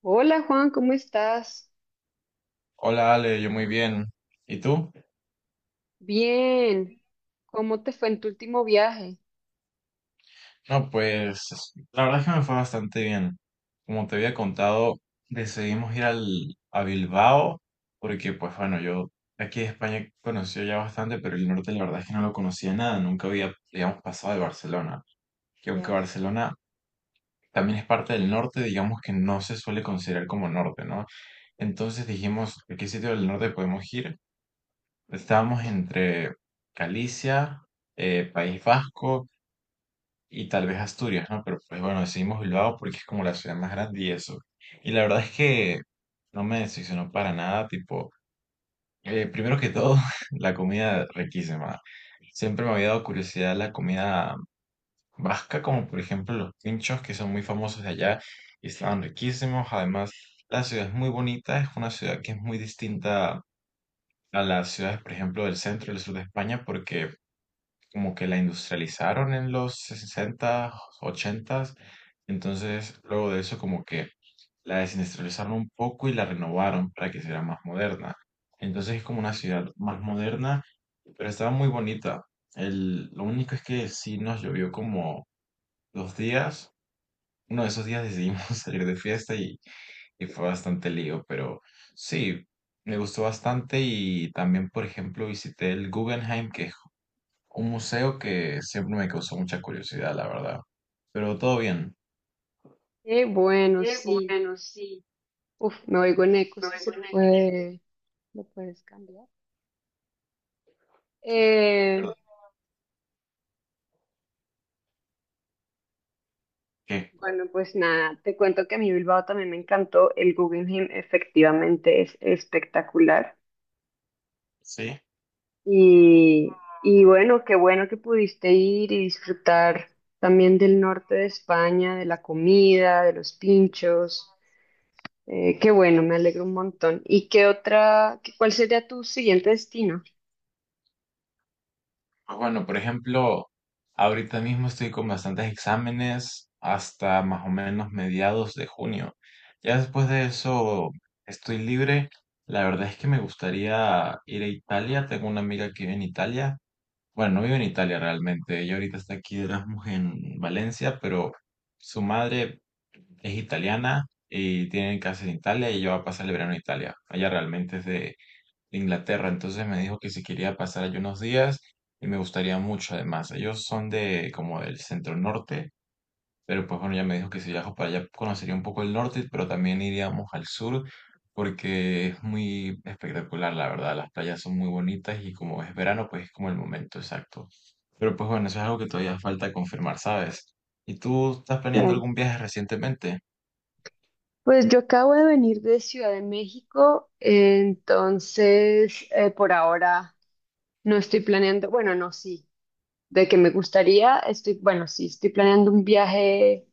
Hola Juan, ¿cómo estás? Hola Ale, yo muy bien. ¿Y tú? Bien, ¿cómo te fue en tu último viaje? No, pues la verdad es que me fue bastante bien. Como te había contado, decidimos ir a Bilbao porque, pues bueno, yo aquí de España conocía ya bastante, pero el norte la verdad es que no lo conocía nada. Nunca había, digamos, pasado de Barcelona. Que aunque Ya. Barcelona también es parte del norte, digamos que no se suele considerar como norte, ¿no? Entonces dijimos, ¿a qué sitio del norte podemos ir? Estábamos entre Galicia, País Vasco. Y tal vez Asturias, ¿no? Pero pues bueno, decidimos Bilbao porque es como la ciudad más grande y eso. Y la verdad es que no me decepcionó para nada, tipo, primero que todo, la comida riquísima. Siempre me había dado curiosidad la comida vasca, como por ejemplo los pinchos que son muy famosos de allá y estaban riquísimos. Además, la ciudad es muy bonita, es una ciudad que es muy distinta a las ciudades, por ejemplo, del centro y del sur de España porque como que la industrializaron en los sesenta, 80, entonces luego de eso como que la desindustrializaron un poco y la renovaron para que sea más moderna. Entonces es como una ciudad más moderna, pero estaba muy bonita. El, lo único es que sí nos llovió como dos días. Uno de esos días decidimos salir de fiesta y fue bastante lío, pero sí, me gustó bastante y también, por ejemplo, visité el Guggenheim, que es un museo que siempre me causó mucha curiosidad, la verdad. Pero todo bien. Qué bueno, sí. Uf, me oigo en eco, si se puede, lo puedes cambiar. Eh, ¿Perdón? ¿Qué? bueno, pues nada, te cuento que a mí Bilbao también me encantó. El Guggenheim efectivamente es espectacular. Sí. Y bueno, qué bueno que pudiste ir y disfrutar también del norte de España, de la comida, de los pinchos. Qué bueno, me alegro un montón. ¿Y qué otra, cuál sería tu siguiente destino? Pues bueno, por ejemplo, ahorita mismo estoy con bastantes exámenes hasta más o menos mediados de junio. Ya después de eso estoy libre. La verdad es que me gustaría ir a Italia. Tengo una amiga que vive en Italia. Bueno, no vive en Italia realmente. Ella ahorita está aquí de Erasmus en Valencia, pero su madre es italiana y tiene casa en Italia y ella va a pasar el verano en Italia. Ella realmente es de Inglaterra, entonces me dijo que si quería pasar allí unos días y me gustaría mucho además. Ellos son de como del centro norte, pero pues bueno, ya me dijo que si viajo para allá conocería un poco el norte, pero también iríamos al sur porque es muy espectacular, la verdad. Las playas son muy bonitas y como es verano, pues es como el momento exacto. Pero pues bueno, eso es algo que todavía falta confirmar, ¿sabes? ¿Y tú estás planeando Claro. algún viaje recientemente? Pues yo acabo de venir de Ciudad de México, entonces por ahora no estoy planeando, bueno, no, sí, de que me gustaría, estoy, bueno, sí, estoy planeando un viaje,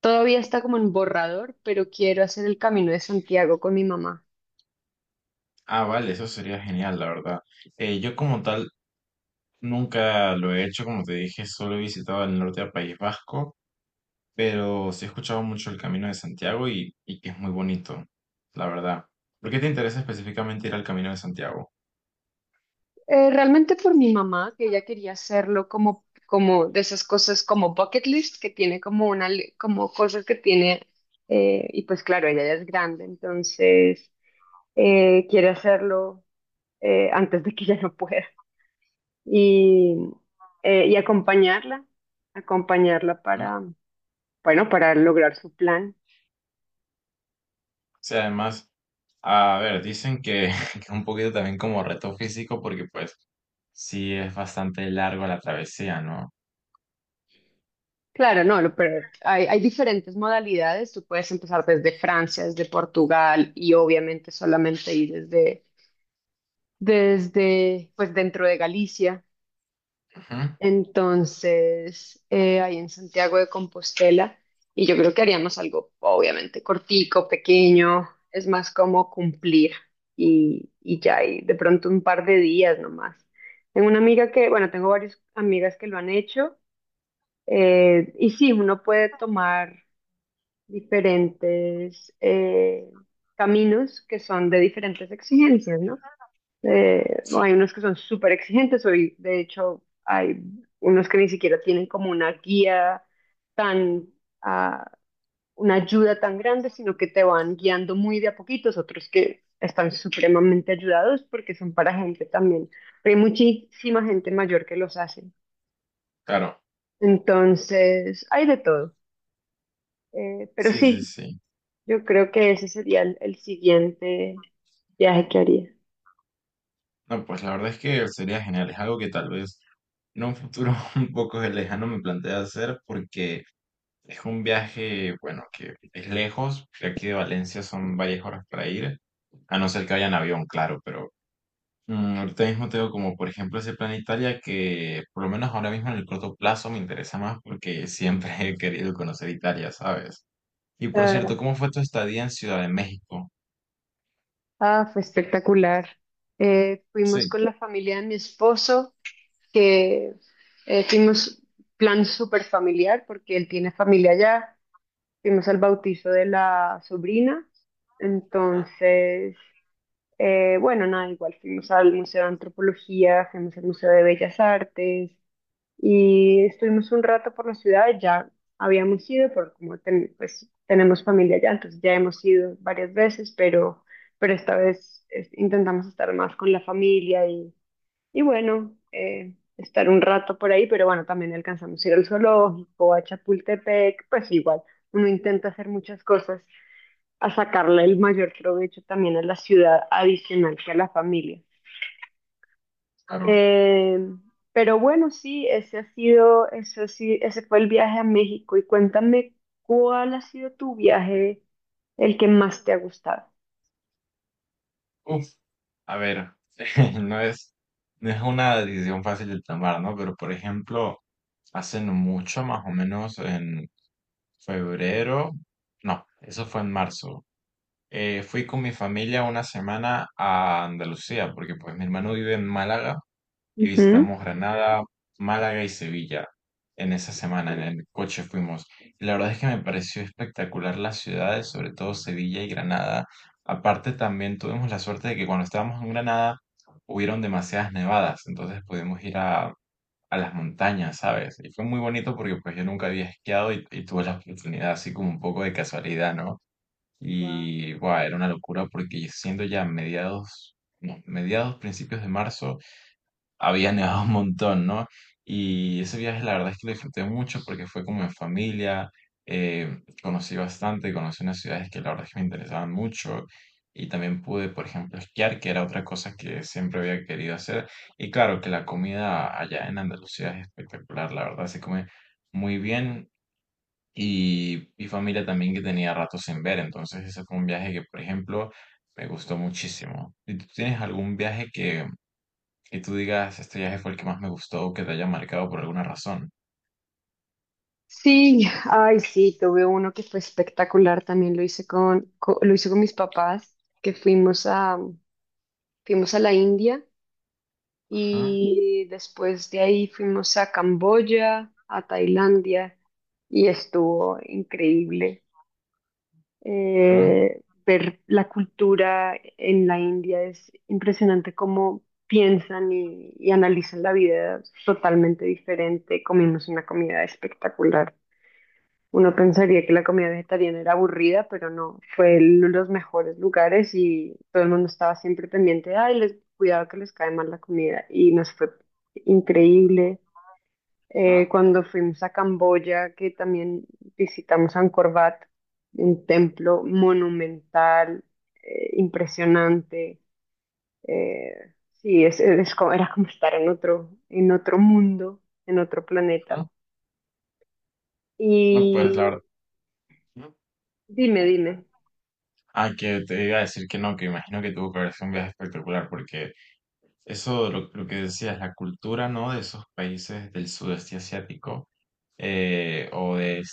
todavía está como en borrador, pero quiero hacer el Camino de Santiago con mi mamá. Ah, vale, eso sería genial, la verdad. Yo como tal nunca lo he hecho, como te dije, solo he visitado el norte del País Vasco. Pero sí he escuchado mucho el Camino de Santiago y que es muy bonito, la verdad. ¿Por qué te interesa específicamente ir al Camino de Santiago? Realmente por mi mamá, que ella quería hacerlo como, como de esas cosas como bucket list, que tiene como una, como cosas que tiene, y pues claro, ella ya es grande, entonces quiere hacerlo antes de que ya no pueda. Y, y acompañarla, acompañarla Mm. O para, bueno, para lograr su plan. sea además, a ver, dicen que, que es un poquito también como reto físico, porque pues sí es bastante largo la travesía, ¿no? Claro, no, pero hay diferentes modalidades. Tú puedes empezar desde Francia, desde Portugal y obviamente solamente ir desde pues dentro de Galicia, Ujú. entonces ahí en Santiago de Compostela, y yo creo que haríamos algo obviamente cortico, pequeño, es más como cumplir y ya, y de pronto un par de días nomás. Tengo una amiga que, bueno, tengo varias amigas que lo han hecho, y sí, uno puede tomar diferentes caminos que son de diferentes exigencias, ¿no? No, Sí. hay unos que son súper exigentes, hoy de hecho hay unos que ni siquiera tienen como una guía tan, ah, una ayuda tan grande, sino que te van guiando muy de a poquitos, otros que están supremamente ayudados porque son para gente también. Pero hay muchísima gente mayor que los hace. Claro, Entonces, hay de todo. Pero sí, sí, sí, sí. yo creo que ese sería el siguiente viaje que haría. No, pues la verdad es que sería genial, es algo que tal vez en un futuro un poco lejano me plantea hacer, porque es un viaje, bueno, que es lejos. De aquí de Valencia son varias horas para ir. A no ser que vaya en avión, claro, pero mm, ahorita mismo tengo como, por ejemplo, ese plan Italia que por lo menos ahora mismo en el corto plazo me interesa más porque siempre he querido conocer Italia, ¿sabes? Y por cierto, Claro. ¿cómo fue tu estadía en Ciudad de México? Ah, fue espectacular. Fuimos Sí, con la familia de mi esposo, que fuimos plan súper familiar porque él tiene familia allá. Fuimos al bautizo de la sobrina. Entonces, bueno, nada, igual fuimos al Museo de Antropología, fuimos al Museo de Bellas Artes, y estuvimos un rato por la ciudad, ya habíamos ido, porque como pues, tenemos familia allá, entonces ya hemos ido varias veces, pero esta vez intentamos estar más con la familia y bueno, estar un rato por ahí, pero bueno, también alcanzamos a ir al zoológico, a Chapultepec, pues igual, uno intenta hacer muchas cosas a sacarle el mayor provecho también a la ciudad adicional que a la familia. claro. Eh, pero bueno, sí, ese ha sido, eso sí, ese fue el viaje a México. Y cuéntame, ¿cuál ha sido tu viaje, el que más te ha gustado? Uf, a ver, no es, no es una decisión fácil de tomar, ¿no? Pero por ejemplo, hace no mucho, más o menos en febrero, no, eso fue en marzo. Fui con mi familia una semana a Andalucía, porque pues mi hermano vive en Málaga y Ujú. visitamos Granada, Málaga y Sevilla. En esa semana en el coche fuimos. Y la verdad es que me pareció espectacular las ciudades, sobre todo Sevilla y Granada. Aparte también tuvimos la suerte de que cuando estábamos en Granada hubieron demasiadas nevadas, entonces pudimos ir a las montañas, ¿sabes? Y fue muy bonito porque pues yo nunca había esquiado y tuve la oportunidad así como un poco de casualidad, ¿no? Wow. Y wow, era una locura porque siendo ya mediados, no, mediados, principios de marzo, había nevado un montón, ¿no? Y ese viaje la verdad es que lo disfruté mucho porque fue como en familia, conocí bastante, conocí unas ciudades que la verdad es que me interesaban mucho y también pude, por ejemplo, esquiar, que era otra cosa que siempre había querido hacer. Y claro que la comida allá en Andalucía es espectacular, la verdad se come muy bien. Y mi familia también que tenía rato sin ver, entonces ese fue un viaje que, por ejemplo, me gustó muchísimo. ¿Y tú tienes algún viaje que y tú digas, este viaje fue el que más me gustó o que te haya marcado por alguna razón? Sí, ay, sí, tuve uno que fue espectacular. También lo hice con, lo hice con mis papás, que fuimos a, fuimos a la India Ajá, y después de ahí fuimos a Camboya, a Tailandia y estuvo increíble. ajá, Eh, ver la cultura en la India es impresionante cómo piensan y analizan la vida totalmente diferente. Comimos una comida espectacular. Uno pensaría que la comida vegetariana era aburrida, pero no, fue uno de los mejores lugares y todo el mundo estaba siempre pendiente, de, ay, les, cuidado que les cae mal la comida y nos fue increíble. Ajá, Cuando fuimos a Camboya, que también visitamos Angkor Wat, un templo monumental, impresionante. Eh, sí, es, era como estar en otro mundo, en otro planeta. ajá. No, pues la Y verdad. ¿No? dime, dime. Ah, que te iba a decir que no, que imagino que tuvo que haber sido un viaje espectacular, porque eso, lo que decías, la cultura, ¿no? De esos países del sudeste asiático eh, o de-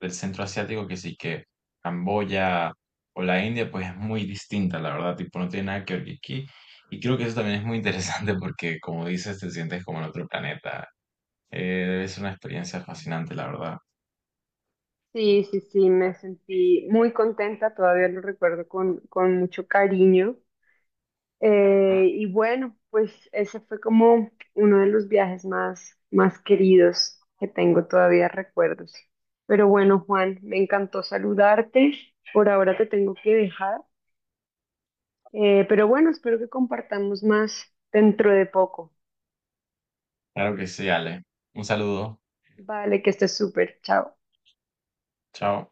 del centro asiático, que sí que Camboya o la India, pues es muy distinta, la verdad, tipo, no tiene nada que ver que aquí. Y creo que eso también es muy interesante porque, como dices, te sientes como en otro planeta. Eh, debe ser una experiencia fascinante, la verdad. Sí, sí, sí, me sentí muy contenta, todavía lo recuerdo con mucho cariño. Y bueno, pues ese fue como uno de los viajes más, más queridos que tengo todavía recuerdos. Pero bueno, Juan, me encantó saludarte. Por ahora te tengo que dejar. Pero bueno, espero que compartamos más dentro de poco. Claro que sí, Ale. Un saludo. Vale, que estés súper. Chao. Chao.